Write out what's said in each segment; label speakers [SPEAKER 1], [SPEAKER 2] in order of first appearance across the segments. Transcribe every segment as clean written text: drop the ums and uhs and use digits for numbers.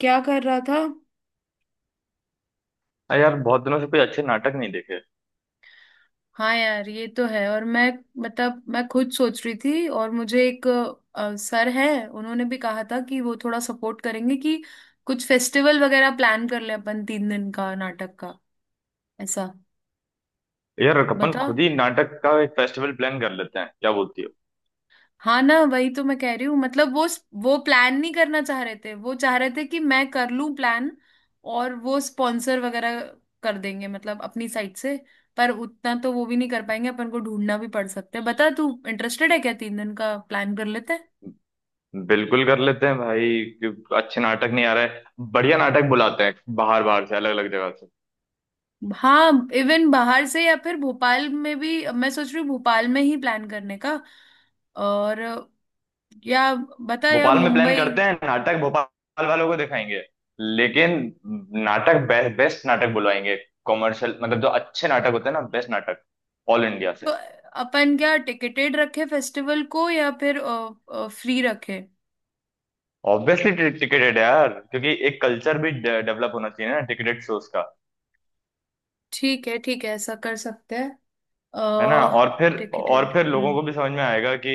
[SPEAKER 1] क्या कर रहा था।
[SPEAKER 2] अरे यार, बहुत दिनों से कोई अच्छे नाटक नहीं देखे।
[SPEAKER 1] हाँ यार, ये तो है। और मैं, मतलब मैं खुद सोच रही थी। और मुझे एक सर है, उन्होंने भी कहा था कि वो थोड़ा सपोर्ट करेंगे कि कुछ फेस्टिवल वगैरह प्लान कर ले अपन, 3 दिन का नाटक का ऐसा।
[SPEAKER 2] यार, अपन
[SPEAKER 1] बता।
[SPEAKER 2] खुद ही नाटक का एक फेस्टिवल प्लान कर लेते हैं, क्या बोलती हो।
[SPEAKER 1] हाँ ना, वही तो मैं कह रही हूँ। मतलब वो प्लान नहीं करना चाह रहे थे, वो चाह रहे थे कि मैं कर लूँ प्लान। और वो स्पॉन्सर वगैरह कर देंगे, मतलब अपनी साइड से। पर उतना तो वो भी नहीं कर पाएंगे, अपन को ढूंढना भी पड़ सकता है। बता, तू इंटरेस्टेड है क्या? 3 दिन का प्लान कर लेते हैं।
[SPEAKER 2] बिल्कुल कर लेते हैं भाई। कि अच्छे नाटक नहीं आ रहे, बढ़िया नाटक बुलाते हैं, बाहर बाहर से, अलग अलग जगह से।
[SPEAKER 1] हाँ, इवन बाहर से या फिर भोपाल में भी मैं सोच रही हूँ, भोपाल में ही प्लान करने का। और, या, बता, या
[SPEAKER 2] भोपाल में प्लान
[SPEAKER 1] मुंबई।
[SPEAKER 2] करते हैं, नाटक भोपाल वालों को दिखाएंगे, लेकिन नाटक बेस्ट नाटक बुलवाएंगे। कॉमर्शियल, मतलब जो अच्छे नाटक होते हैं ना, बेस्ट नाटक, ऑल इंडिया से।
[SPEAKER 1] तो अपन क्या टिकेटेड रखे फेस्टिवल को या फिर फ्री रखे?
[SPEAKER 2] ऑब्वियसली टिकेटेड है यार, क्योंकि एक कल्चर भी डेवलप होना चाहिए ना, टिकेटेड शोज का।
[SPEAKER 1] ठीक है, ठीक है, ऐसा कर सकते हैं।
[SPEAKER 2] है ना,
[SPEAKER 1] अह
[SPEAKER 2] और फिर
[SPEAKER 1] टिकटेड।
[SPEAKER 2] लोगों को
[SPEAKER 1] हम्म।
[SPEAKER 2] भी समझ में आएगा कि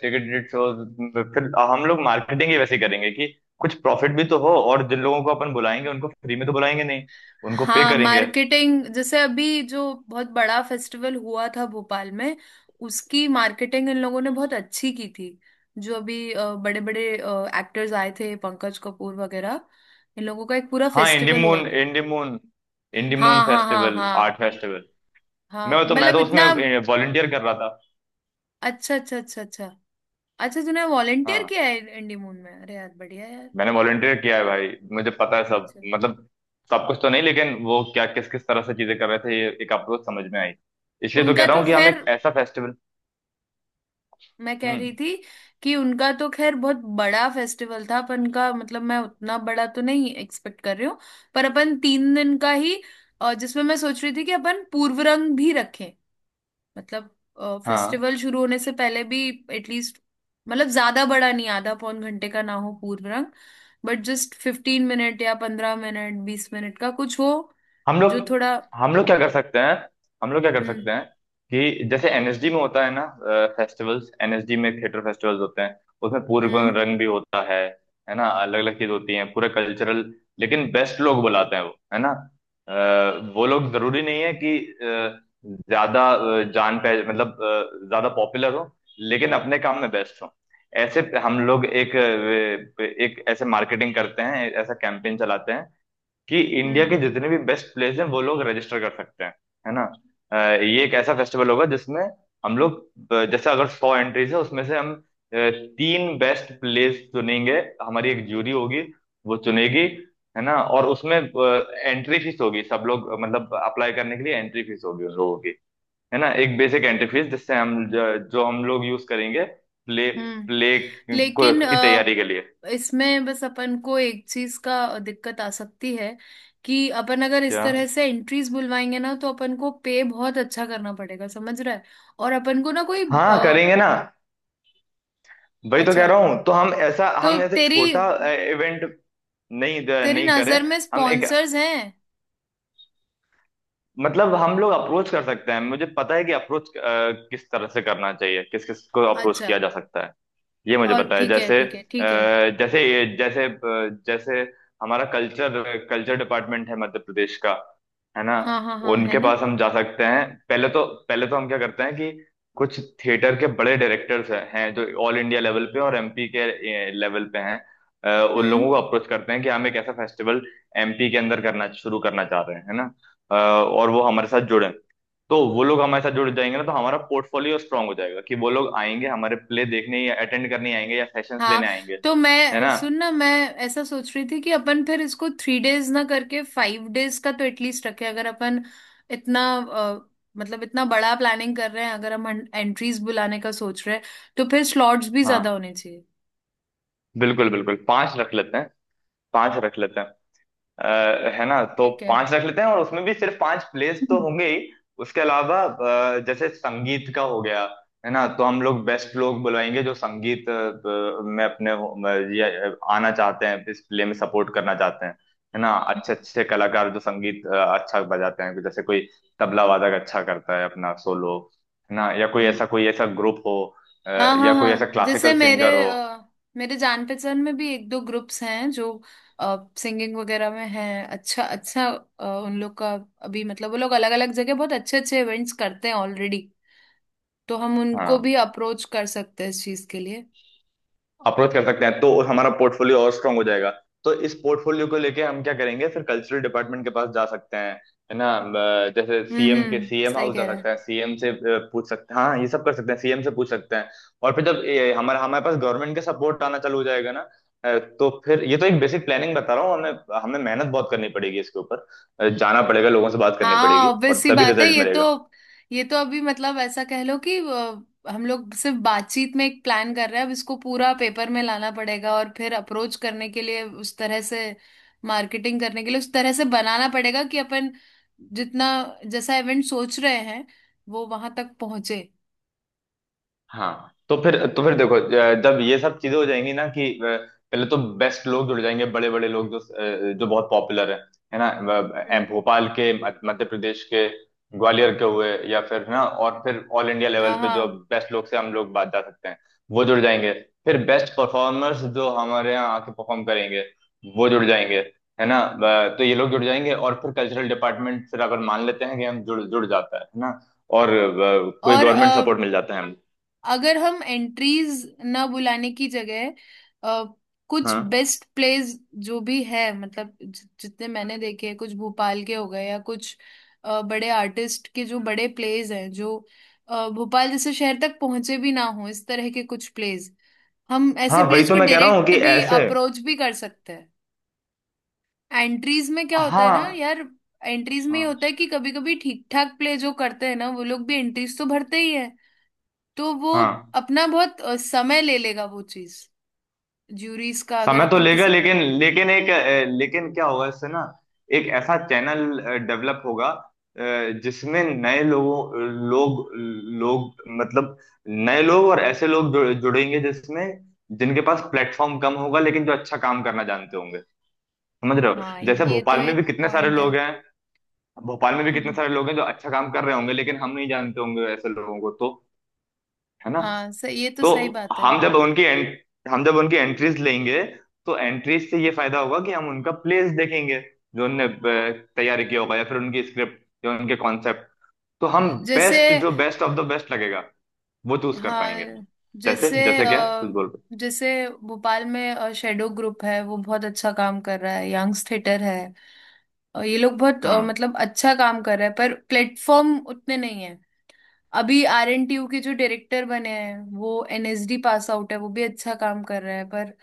[SPEAKER 2] टिकट शोज। फिर हम लोग मार्केटिंग ही वैसे करेंगे कि कुछ प्रॉफिट भी तो हो, और जिन लोगों को अपन बुलाएंगे, उनको फ्री में तो बुलाएंगे नहीं, उनको पे
[SPEAKER 1] हाँ,
[SPEAKER 2] करेंगे।
[SPEAKER 1] मार्केटिंग जैसे अभी जो बहुत बड़ा फेस्टिवल हुआ था भोपाल में, उसकी मार्केटिंग इन लोगों ने बहुत अच्छी की थी। जो अभी बड़े बड़े एक्टर्स आए थे, पंकज कपूर वगैरह, इन लोगों का एक पूरा
[SPEAKER 2] हाँ,
[SPEAKER 1] फेस्टिवल हुआ
[SPEAKER 2] इंडीमून,
[SPEAKER 1] था।
[SPEAKER 2] इंडीमून
[SPEAKER 1] हाँ हाँ हाँ
[SPEAKER 2] फेस्टिवल, आर्ट
[SPEAKER 1] हाँ।
[SPEAKER 2] फेस्टिवल।
[SPEAKER 1] हाँ,
[SPEAKER 2] मैं तो मैं
[SPEAKER 1] मतलब
[SPEAKER 2] तो उसमें
[SPEAKER 1] इतना।
[SPEAKER 2] वॉलंटियर कर रहा था।
[SPEAKER 1] अच्छा अच्छा अच्छा अच्छा। अच्छा, तूने वॉलेंटियर
[SPEAKER 2] हाँ,
[SPEAKER 1] किया है इंडी मून में? अरे यार, बढ़िया यार।
[SPEAKER 2] मैंने वॉलंटियर किया है भाई, मुझे पता है सब,
[SPEAKER 1] अच्छा,
[SPEAKER 2] मतलब सब कुछ तो नहीं, लेकिन वो क्या, किस किस तरह से चीजें कर रहे थे, ये एक अप्रोच समझ में आई। इसलिए तो कह
[SPEAKER 1] उनका
[SPEAKER 2] रहा
[SPEAKER 1] तो
[SPEAKER 2] हूँ कि हम
[SPEAKER 1] खैर,
[SPEAKER 2] एक ऐसा फेस्टिवल।
[SPEAKER 1] मैं कह रही
[SPEAKER 2] हम्म।
[SPEAKER 1] थी कि उनका तो खैर बहुत बड़ा फेस्टिवल था। अपन का, मतलब मैं उतना बड़ा तो नहीं एक्सपेक्ट कर रही हूँ। पर अपन 3 दिन का ही जिसमें मैं सोच रही थी कि अपन पूर्व रंग भी रखें। मतलब
[SPEAKER 2] हाँ।
[SPEAKER 1] फेस्टिवल शुरू होने से पहले भी, एटलीस्ट, मतलब ज्यादा बड़ा नहीं, आधा पौन घंटे का ना हो पूर्व रंग। बट जस्ट 15 मिनट या 15 मिनट, 20 मिनट का कुछ हो।
[SPEAKER 2] हम
[SPEAKER 1] जो
[SPEAKER 2] लोग,
[SPEAKER 1] थोड़ा।
[SPEAKER 2] हम लोग क्या कर सकते हैं हम लोग क्या कर
[SPEAKER 1] हम्म,
[SPEAKER 2] सकते हैं, कि जैसे एनएसडी में होता है ना, फेस्टिवल्स, एनएसडी में थिएटर फेस्टिवल्स होते हैं। उसमें पूरे
[SPEAKER 1] हम्म,
[SPEAKER 2] रंग भी होता है ना, अलग अलग चीज होती है, पूरा कल्चरल। लेकिन बेस्ट लोग बुलाते हैं वो, है ना। वो लोग जरूरी नहीं है कि ज्यादा जान पह मतलब ज्यादा पॉपुलर हो, लेकिन अपने काम में बेस्ट हो। ऐसे हम लोग एक एक ऐसे मार्केटिंग करते हैं, ऐसा कैंपेन चलाते हैं कि इंडिया
[SPEAKER 1] हम्म,
[SPEAKER 2] के जितने भी बेस्ट प्लेयर्स हैं, वो लोग रजिस्टर कर सकते हैं, है ना। अ, ये एक ऐसा फेस्टिवल होगा जिसमें हम लोग, जैसे अगर सौ एंट्रीज है, उसमें से हम अ, तीन बेस्ट प्लेयर्स चुनेंगे, हमारी एक जूरी होगी, वो चुनेगी, है ना। और उसमें एंट्री फीस होगी, सब लोग मतलब अप्लाई करने के लिए एंट्री फीस होगी उन लोगों की, है ना, एक बेसिक एंट्री फीस, जिससे हम जो हम लोग यूज करेंगे प्ले,
[SPEAKER 1] हम्म।
[SPEAKER 2] प्ले
[SPEAKER 1] लेकिन
[SPEAKER 2] की तैयारी के लिए।
[SPEAKER 1] इसमें बस अपन को एक चीज का दिक्कत आ सकती है। कि अपन अगर इस
[SPEAKER 2] क्या?
[SPEAKER 1] तरह से एंट्रीज बुलवाएंगे ना, तो अपन को पे बहुत अच्छा करना पड़ेगा, समझ रहा है। और अपन को ना कोई
[SPEAKER 2] हाँ, करेंगे ना, वही तो
[SPEAKER 1] अच्छा।
[SPEAKER 2] कह रहा हूँ। तो हम ऐसा,
[SPEAKER 1] तो
[SPEAKER 2] हम ऐसे
[SPEAKER 1] तेरी
[SPEAKER 2] छोटा इवेंट नहीं
[SPEAKER 1] तेरी
[SPEAKER 2] नहीं करें।
[SPEAKER 1] नजर में
[SPEAKER 2] हम एक,
[SPEAKER 1] स्पॉन्सर्स हैं?
[SPEAKER 2] मतलब हम लोग अप्रोच कर सकते हैं, मुझे पता है कि अप्रोच किस तरह से करना चाहिए, किस किस को अप्रोच
[SPEAKER 1] अच्छा,
[SPEAKER 2] किया जा सकता है, ये मुझे
[SPEAKER 1] और
[SPEAKER 2] पता है।
[SPEAKER 1] ठीक है,
[SPEAKER 2] जैसे
[SPEAKER 1] ठीक है, ठीक है।
[SPEAKER 2] अ, जैसे ये जैसे जैसे हमारा कल्चर कल्चर डिपार्टमेंट है मध्य प्रदेश का, है ना,
[SPEAKER 1] हाँ हाँ हाँ, है
[SPEAKER 2] उनके
[SPEAKER 1] ना।
[SPEAKER 2] पास हम जा सकते हैं। पहले तो हम क्या करते हैं कि कुछ थिएटर के बड़े डायरेक्टर्स हैं जो ऑल इंडिया लेवल पे और एमपी के लेवल पे हैं, उन
[SPEAKER 1] हम्म।
[SPEAKER 2] लोगों को अप्रोच करते हैं कि हम एक ऐसा फेस्टिवल एमपी के अंदर करना शुरू करना चाह रहे हैं, है ना। और वो हमारे साथ जुड़े, तो वो लोग हमारे साथ जुड़ जाएंगे ना, तो हमारा पोर्टफोलियो स्ट्रांग हो जाएगा, कि वो लोग आएंगे हमारे प्ले देखने, या अटेंड करने आएंगे, या सेशंस
[SPEAKER 1] हाँ,
[SPEAKER 2] लेने आएंगे,
[SPEAKER 1] तो
[SPEAKER 2] है
[SPEAKER 1] मैं
[SPEAKER 2] ना।
[SPEAKER 1] सुन ना, मैं ऐसा सोच रही थी कि अपन फिर इसको 3 डेज ना करके 5 डेज का तो एटलीस्ट रखें। अगर अपन इतना मतलब इतना बड़ा प्लानिंग कर रहे हैं, अगर हम एंट्रीज बुलाने का सोच रहे हैं, तो फिर स्लॉट्स भी ज्यादा
[SPEAKER 2] हाँ।
[SPEAKER 1] होने चाहिए।
[SPEAKER 2] बिल्कुल बिल्कुल, पांच रख लेते हैं। अ, है ना, तो
[SPEAKER 1] ठीक है।
[SPEAKER 2] पांच रख लेते हैं, और उसमें भी सिर्फ पांच प्लेस तो
[SPEAKER 1] हम्म।
[SPEAKER 2] होंगे ही। उसके अलावा जैसे संगीत का हो गया, है ना, तो हम लोग बेस्ट लोग बुलाएंगे जो संगीत में अपने ये आना चाहते हैं, इस प्ले में सपोर्ट करना चाहते हैं, है ना। अच्छे अच्छे कलाकार जो संगीत अच्छा बजाते हैं, जैसे कोई तबला वादक अच्छा करता है अपना सोलो, है ना, या कोई
[SPEAKER 1] हम्म।
[SPEAKER 2] ऐसा, कोई ऐसा ग्रुप हो, अ,
[SPEAKER 1] हाँ हाँ
[SPEAKER 2] या कोई ऐसा
[SPEAKER 1] हाँ, जैसे
[SPEAKER 2] क्लासिकल
[SPEAKER 1] मेरे
[SPEAKER 2] सिंगर हो।
[SPEAKER 1] मेरे जान पहचान में भी एक दो ग्रुप्स हैं जो सिंगिंग वगैरह में हैं। अच्छा, अच्छा। उन लोग का अभी, मतलब वो लोग अलग अलग जगह बहुत अच्छे अच्छे इवेंट्स करते हैं ऑलरेडी। तो हम उनको
[SPEAKER 2] हाँ,
[SPEAKER 1] भी अप्रोच कर सकते हैं इस चीज के लिए।
[SPEAKER 2] अप्रोच कर सकते हैं, तो हमारा पोर्टफोलियो और स्ट्रांग हो जाएगा। तो इस पोर्टफोलियो को लेके हम क्या करेंगे, फिर कल्चरल डिपार्टमेंट के पास जा सकते हैं, है ना। जैसे
[SPEAKER 1] हम्म,
[SPEAKER 2] सीएम के,
[SPEAKER 1] हम्म,
[SPEAKER 2] सीएम
[SPEAKER 1] सही
[SPEAKER 2] हाउस जा
[SPEAKER 1] कह रहा
[SPEAKER 2] सकते
[SPEAKER 1] है।
[SPEAKER 2] हैं, सीएम से पूछ सकते हैं। हाँ, ये सब कर सकते हैं, सीएम से पूछ सकते हैं। और फिर जब ये हमारा, हमारे पास गवर्नमेंट का सपोर्ट आना चालू हो जाएगा ना, तो फिर, ये तो एक बेसिक प्लानिंग बता रहा हूँ, हमें, हमें मेहनत बहुत करनी पड़ेगी इसके ऊपर, जाना पड़ेगा, लोगों से बात करनी
[SPEAKER 1] हाँ,
[SPEAKER 2] पड़ेगी,
[SPEAKER 1] ऑब्वियस
[SPEAKER 2] और
[SPEAKER 1] सी
[SPEAKER 2] तभी
[SPEAKER 1] बात है
[SPEAKER 2] रिजल्ट
[SPEAKER 1] ये तो।
[SPEAKER 2] मिलेगा।
[SPEAKER 1] ये तो अभी, मतलब ऐसा कह लो कि हम लोग सिर्फ बातचीत में एक प्लान कर रहे हैं। अब इसको पूरा पेपर में लाना पड़ेगा और फिर अप्रोच करने के लिए उस तरह से, मार्केटिंग करने के लिए उस तरह से बनाना पड़ेगा कि अपन जितना, जैसा इवेंट सोच रहे हैं, वो वहां तक पहुंचे।
[SPEAKER 2] हाँ, तो फिर, देखो, जब ये सब चीजें हो जाएंगी ना, कि पहले तो बेस्ट लोग जुड़ जाएंगे, बड़े बड़े लोग जो जो बहुत पॉपुलर है ना,
[SPEAKER 1] हम्म।
[SPEAKER 2] भोपाल के मध्य प्रदेश के, ग्वालियर के हुए, या फिर, है ना, और फिर ऑल इंडिया लेवल
[SPEAKER 1] हाँ,
[SPEAKER 2] पे जो
[SPEAKER 1] हाँ।
[SPEAKER 2] बेस्ट लोग से हम लोग बात जा सकते हैं, वो जुड़ जाएंगे। फिर बेस्ट परफॉर्मर्स जो हमारे यहाँ आके परफॉर्म करेंगे, वो जुड़ जाएंगे, है ना। तो ये लोग जुड़ जाएंगे, और फिर कल्चरल डिपार्टमेंट फिर अगर मान लेते हैं कि हम जुड़ जुड़ जाता है ना, और कोई
[SPEAKER 1] और
[SPEAKER 2] गवर्नमेंट सपोर्ट मिल जाता है।
[SPEAKER 1] अगर हम एंट्रीज ना बुलाने की जगह अ, कुछ
[SPEAKER 2] हाँ।
[SPEAKER 1] बेस्ट प्लेस, जो भी है, मतलब जितने मैंने देखे हैं, कुछ भोपाल के हो गए या कुछ बड़े आर्टिस्ट के जो बड़े प्लेस हैं, जो भोपाल जैसे शहर तक पहुंचे भी ना हो, इस तरह के कुछ प्लेस, हम ऐसे
[SPEAKER 2] हाँ, वही
[SPEAKER 1] प्लेस
[SPEAKER 2] तो
[SPEAKER 1] को
[SPEAKER 2] मैं कह रहा हूँ
[SPEAKER 1] डायरेक्ट
[SPEAKER 2] कि
[SPEAKER 1] भी
[SPEAKER 2] ऐसे।
[SPEAKER 1] अप्रोच भी कर सकते हैं। एंट्रीज में क्या होता है ना
[SPEAKER 2] हाँ
[SPEAKER 1] यार, एंट्रीज में ये
[SPEAKER 2] हाँ
[SPEAKER 1] होता है कि कभी कभी ठीक ठाक प्ले जो करते हैं ना, वो लोग भी एंट्रीज तो भरते ही है। तो वो
[SPEAKER 2] हाँ।
[SPEAKER 1] अपना बहुत समय ले लेगा वो चीज। ज्यूरीज का अगर
[SPEAKER 2] समय तो
[SPEAKER 1] अपन
[SPEAKER 2] लेगा,
[SPEAKER 1] किसी को।
[SPEAKER 2] लेकिन, लेकिन क्या होगा इससे ना, एक ऐसा चैनल डेवलप होगा जिसमें लोग लोग मतलब नए लोग और ऐसे लोग जुड़ेंगे जिसमें, जिनके पास प्लेटफॉर्म कम होगा, लेकिन जो अच्छा काम करना जानते होंगे। समझ रहे
[SPEAKER 1] हाँ,
[SPEAKER 2] हो, जैसे
[SPEAKER 1] ये तो एक पॉइंट है।
[SPEAKER 2] भोपाल में भी कितने सारे लोग हैं जो अच्छा काम कर रहे होंगे, लेकिन हम नहीं जानते होंगे ऐसे लोगों को। तो है ना,
[SPEAKER 1] हाँ, ये तो
[SPEAKER 2] तो
[SPEAKER 1] सही बात है।
[SPEAKER 2] हम जब उनकी एंट, हम जब उनकी एंट्रीज लेंगे, तो एंट्रीज से ये फायदा होगा कि हम उनका प्लेस देखेंगे, जो उनने तैयारी किया होगा, या फिर उनकी स्क्रिप्ट या उनके कॉन्सेप्ट, तो हम
[SPEAKER 1] जैसे,
[SPEAKER 2] बेस्ट, जो बेस्ट ऑफ द बेस्ट लगेगा, वो चूज कर
[SPEAKER 1] हाँ,
[SPEAKER 2] पाएंगे। जैसे
[SPEAKER 1] जैसे
[SPEAKER 2] जैसे क्या कुछ बोल रहे।
[SPEAKER 1] जैसे भोपाल में शेडो ग्रुप है, वो बहुत अच्छा काम कर रहा है। यंग्स थिएटर है, और ये लोग बहुत
[SPEAKER 2] हाँ।
[SPEAKER 1] मतलब अच्छा काम कर रहा है, पर प्लेटफॉर्म उतने नहीं है। अभी आर एन टी यू के जो डायरेक्टर बने हैं, वो N S D pass out है, वो भी अच्छा काम कर रहा है। पर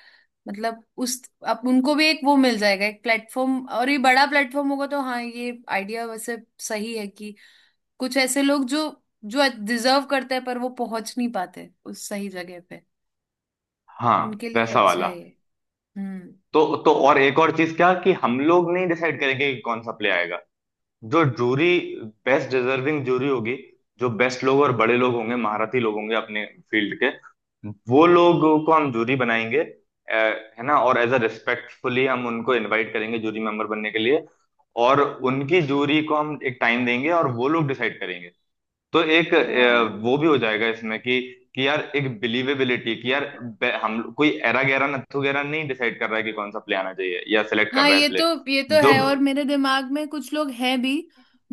[SPEAKER 1] मतलब उस, अब उनको भी एक वो मिल जाएगा, एक प्लेटफॉर्म, और ये बड़ा प्लेटफॉर्म होगा। तो हाँ, ये आइडिया वैसे सही है, कि कुछ ऐसे लोग जो जो डिजर्व करते हैं पर वो पहुंच नहीं पाते उस सही जगह पे,
[SPEAKER 2] हाँ,
[SPEAKER 1] उनके लिए
[SPEAKER 2] वैसा
[SPEAKER 1] अच्छा
[SPEAKER 2] वाला।
[SPEAKER 1] है ये। हम्म।
[SPEAKER 2] तो, और एक और चीज क्या, कि हम लोग नहीं डिसाइड करेंगे कि कौन सा प्ले आएगा, जो जूरी, बेस्ट डिजर्विंग जूरी होगी, जो बेस्ट लोग और बड़े लोग होंगे, महारथी लोग होंगे अपने फील्ड के, वो लोगों को हम जूरी बनाएंगे, है ना। और एज अ रिस्पेक्टफुली हम उनको इनवाइट करेंगे जूरी मेंबर बनने के लिए, और उनकी जूरी को हम एक टाइम देंगे, और वो लोग डिसाइड करेंगे। तो एक
[SPEAKER 1] हाँ
[SPEAKER 2] वो भी हो जाएगा इसमें कि यार एक बिलीवेबिलिटी, कि यार हम कोई एरा गैरा नत्थु गैरा नहीं डिसाइड कर रहा है कि कौन सा प्ले आना चाहिए, या सिलेक्ट कर
[SPEAKER 1] हाँ,
[SPEAKER 2] रहा है
[SPEAKER 1] ये तो
[SPEAKER 2] प्ले
[SPEAKER 1] ये तो
[SPEAKER 2] जो।
[SPEAKER 1] है, और मेरे दिमाग में कुछ लोग हैं भी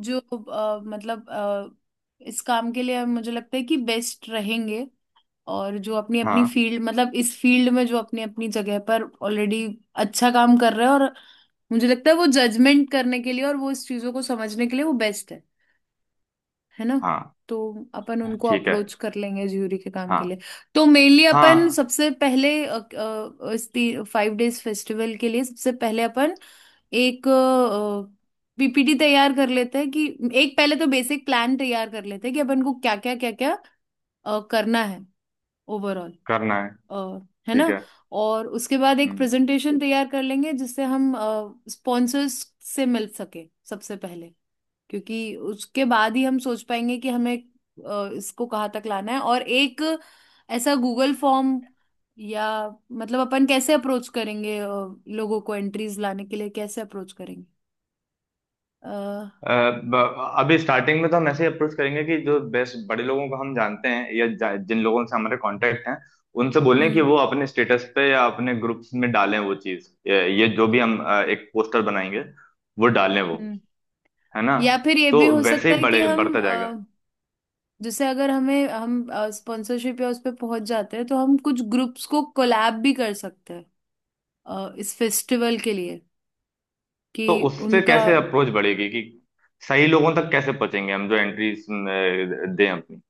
[SPEAKER 1] जो मतलब इस काम के लिए मुझे लगता है कि बेस्ट रहेंगे। और जो अपनी अपनी
[SPEAKER 2] हाँ
[SPEAKER 1] फील्ड, मतलब इस फील्ड में जो अपनी अपनी जगह पर ऑलरेडी अच्छा काम कर रहे हैं, और मुझे लगता है वो जजमेंट करने के लिए और वो इस चीजों को समझने के लिए वो बेस्ट है ना।
[SPEAKER 2] हाँ,
[SPEAKER 1] तो अपन उनको
[SPEAKER 2] ठीक है।
[SPEAKER 1] अप्रोच कर लेंगे ज्यूरी के काम
[SPEAKER 2] हाँ
[SPEAKER 1] के लिए। तो मेनली अपन
[SPEAKER 2] हाँ,
[SPEAKER 1] सबसे पहले इस 5 डेज फेस्टिवल के लिए सबसे पहले अपन एक पीपीटी तैयार कर लेते हैं कि, एक पहले तो बेसिक प्लान तैयार कर लेते हैं कि अपन को क्या क्या क्या क्या करना है ओवरऑल।
[SPEAKER 2] करना है।
[SPEAKER 1] अ, है
[SPEAKER 2] ठीक
[SPEAKER 1] ना।
[SPEAKER 2] है।
[SPEAKER 1] और उसके बाद एक
[SPEAKER 2] हम्म।
[SPEAKER 1] प्रेजेंटेशन तैयार कर लेंगे जिससे हम स्पॉन्सर्स से मिल सके सबसे पहले, क्योंकि उसके बाद ही हम सोच पाएंगे कि हमें इसको कहाँ तक लाना है, और एक ऐसा गूगल फॉर्म या, मतलब अपन कैसे अप्रोच करेंगे, लोगों को एंट्रीज लाने के लिए कैसे अप्रोच करेंगे। अ,
[SPEAKER 2] अभी स्टार्टिंग में तो हम ऐसे ही अप्रोच करेंगे कि जो बेस्ट बड़े लोगों को हम जानते हैं, या जिन लोगों से हमारे कांटेक्ट हैं, उनसे बोलें कि
[SPEAKER 1] हम्म,
[SPEAKER 2] वो अपने स्टेटस पे या अपने ग्रुप्स में डालें वो चीज़, ये जो भी हम एक पोस्टर बनाएंगे, वो डालें वो,
[SPEAKER 1] हम्म।
[SPEAKER 2] है ना,
[SPEAKER 1] या फिर ये
[SPEAKER 2] तो
[SPEAKER 1] भी हो
[SPEAKER 2] वैसे
[SPEAKER 1] सकता
[SPEAKER 2] ही
[SPEAKER 1] है कि
[SPEAKER 2] बड़े
[SPEAKER 1] हम,
[SPEAKER 2] बढ़ता जाएगा।
[SPEAKER 1] जैसे अगर हमें हम स्पॉन्सरशिप या उस पर पहुंच जाते हैं, तो हम कुछ ग्रुप्स को कोलैब भी कर सकते हैं इस फेस्टिवल के लिए, कि
[SPEAKER 2] तो उससे
[SPEAKER 1] उनका।
[SPEAKER 2] कैसे अप्रोच बढ़ेगी, कि सही लोगों तक कैसे पहुंचेंगे, हम जो एंट्रीज दें अपनी,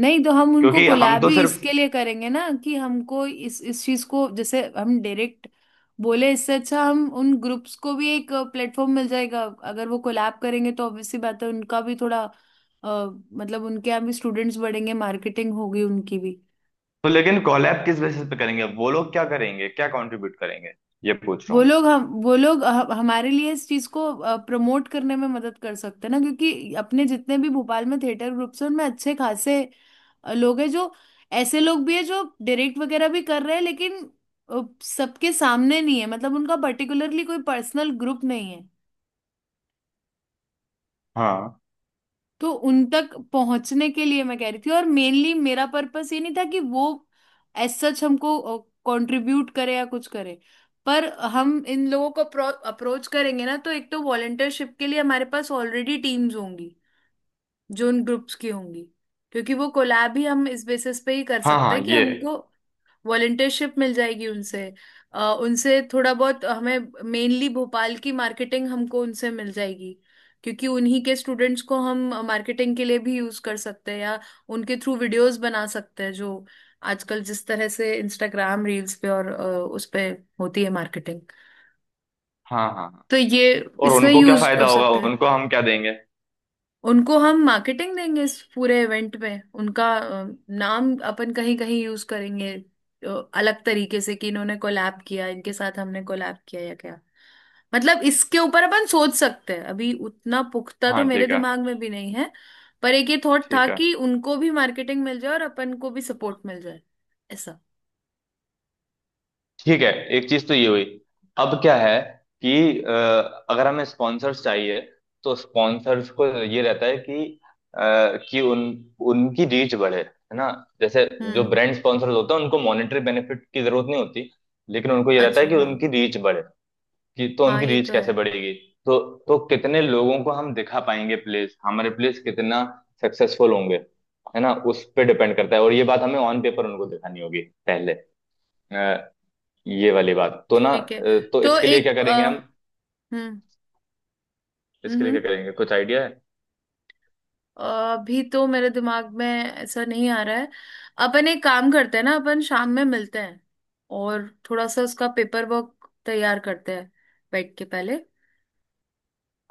[SPEAKER 1] नहीं तो हम उनको
[SPEAKER 2] क्योंकि हम
[SPEAKER 1] कोलैब
[SPEAKER 2] तो
[SPEAKER 1] ही
[SPEAKER 2] सिर्फ।
[SPEAKER 1] इसके लिए करेंगे ना, कि हमको इस चीज को जैसे हम डायरेक्ट बोले, इससे अच्छा हम उन ग्रुप्स को भी एक प्लेटफॉर्म मिल जाएगा। अगर वो कोलैब करेंगे तो ऑब्वियस सी बात है उनका भी थोड़ा मतलब उनके यहाँ भी स्टूडेंट्स बढ़ेंगे, मार्केटिंग होगी उनकी भी।
[SPEAKER 2] तो लेकिन कॉलैब किस बेसिस पे करेंगे, वो लोग क्या करेंगे, क्या कंट्रीब्यूट करेंगे, ये पूछ रहा हूँ।
[SPEAKER 1] वो लोग हमारे लिए इस चीज को प्रमोट करने में मदद कर सकते हैं ना, क्योंकि अपने जितने भी भोपाल में थिएटर ग्रुप्स हैं, उनमें अच्छे खासे लोग हैं, जो ऐसे लोग भी है जो डायरेक्ट वगैरह भी कर रहे हैं, लेकिन सबके सामने नहीं है। मतलब उनका पर्टिकुलरली कोई पर्सनल ग्रुप नहीं है।
[SPEAKER 2] हाँ
[SPEAKER 1] तो उन तक पहुंचने के लिए मैं कह रही थी। और मेनली मेरा पर्पस ये नहीं था कि वो एज सच हमको कंट्रीब्यूट करे या कुछ करे। पर हम इन लोगों को अप्रोच करेंगे ना, तो एक तो वॉलंटियरशिप के लिए हमारे पास ऑलरेडी टीम्स होंगी जो उन ग्रुप्स की होंगी, क्योंकि वो कोलैब ही हम इस बेसिस पे ही कर
[SPEAKER 2] हाँ
[SPEAKER 1] सकते
[SPEAKER 2] हाँ,
[SPEAKER 1] हैं कि
[SPEAKER 2] ये।
[SPEAKER 1] हमको वॉलंटियरशिप मिल जाएगी उनसे। उनसे थोड़ा बहुत हमें, मेनली भोपाल की मार्केटिंग हमको उनसे मिल जाएगी। क्योंकि उन्हीं के स्टूडेंट्स को हम मार्केटिंग के लिए भी यूज कर सकते हैं, या उनके थ्रू वीडियोस बना सकते हैं, जो आजकल जिस तरह से इंस्टाग्राम रील्स पे और उस पे होती है मार्केटिंग,
[SPEAKER 2] हाँ हाँ हाँ।
[SPEAKER 1] तो ये
[SPEAKER 2] और
[SPEAKER 1] इसमें
[SPEAKER 2] उनको क्या
[SPEAKER 1] यूज
[SPEAKER 2] फायदा
[SPEAKER 1] हो
[SPEAKER 2] होगा,
[SPEAKER 1] सकता है।
[SPEAKER 2] उनको हम क्या देंगे?
[SPEAKER 1] उनको हम मार्केटिंग देंगे, इस पूरे इवेंट में उनका नाम अपन कहीं कहीं यूज करेंगे, अलग तरीके से, कि इन्होंने कोलैब किया, इनके साथ हमने कोलैब किया या क्या। मतलब इसके ऊपर अपन सोच सकते हैं, अभी उतना पुख्ता
[SPEAKER 2] हाँ,
[SPEAKER 1] तो मेरे
[SPEAKER 2] ठीक है।
[SPEAKER 1] दिमाग में भी नहीं है। पर एक ये थॉट था
[SPEAKER 2] ठीक है,
[SPEAKER 1] कि उनको भी मार्केटिंग मिल जाए और अपन को भी सपोर्ट मिल जाए, ऐसा।
[SPEAKER 2] ठीक है। एक चीज तो ये हुई। अब क्या है, कि अगर हमें स्पॉन्सर्स चाहिए, तो स्पॉन्सर्स को ये रहता है कि अ, कि उन उनकी रीच बढ़े, है ना। जैसे जो
[SPEAKER 1] हम्म।
[SPEAKER 2] ब्रांड स्पॉन्सर्स होते हैं, उनको मॉनेटरी बेनिफिट की जरूरत नहीं होती, लेकिन उनको ये रहता है
[SPEAKER 1] अच्छा,
[SPEAKER 2] कि
[SPEAKER 1] हाँ।
[SPEAKER 2] उनकी रीच बढ़े। कि तो
[SPEAKER 1] हाँ,
[SPEAKER 2] उनकी
[SPEAKER 1] ये
[SPEAKER 2] रीच
[SPEAKER 1] तो है।
[SPEAKER 2] कैसे बढ़ेगी? तो तो कितने लोगों को हम दिखा पाएंगे प्लेस, हमारे प्लेस कितना सक्सेसफुल होंगे, है ना, उस पे डिपेंड करता है। और ये बात हमें ऑन पेपर उनको दिखानी होगी पहले, अ, ये वाली बात तो ना।
[SPEAKER 1] ठीक है,
[SPEAKER 2] तो
[SPEAKER 1] तो
[SPEAKER 2] इसके लिए क्या
[SPEAKER 1] एक
[SPEAKER 2] करेंगे हम,
[SPEAKER 1] हम्म, हम्म,
[SPEAKER 2] इसके लिए क्या करेंगे, कुछ आइडिया है?
[SPEAKER 1] अभी तो मेरे दिमाग में ऐसा नहीं आ रहा है। अपन एक काम करते हैं ना, अपन शाम में मिलते हैं और थोड़ा सा उसका पेपर वर्क तैयार करते हैं बैठ के पहले,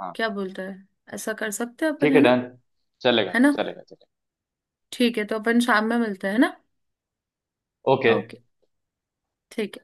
[SPEAKER 2] हाँ,
[SPEAKER 1] क्या बोलते हैं। ऐसा कर सकते हैं अपन,
[SPEAKER 2] ठीक
[SPEAKER 1] है
[SPEAKER 2] है,
[SPEAKER 1] ना।
[SPEAKER 2] डन। चलेगा
[SPEAKER 1] है ना,
[SPEAKER 2] चलेगा चलेगा।
[SPEAKER 1] ठीक है, तो अपन शाम में मिलते हैं ना।
[SPEAKER 2] ओके।
[SPEAKER 1] ओके। ठीक।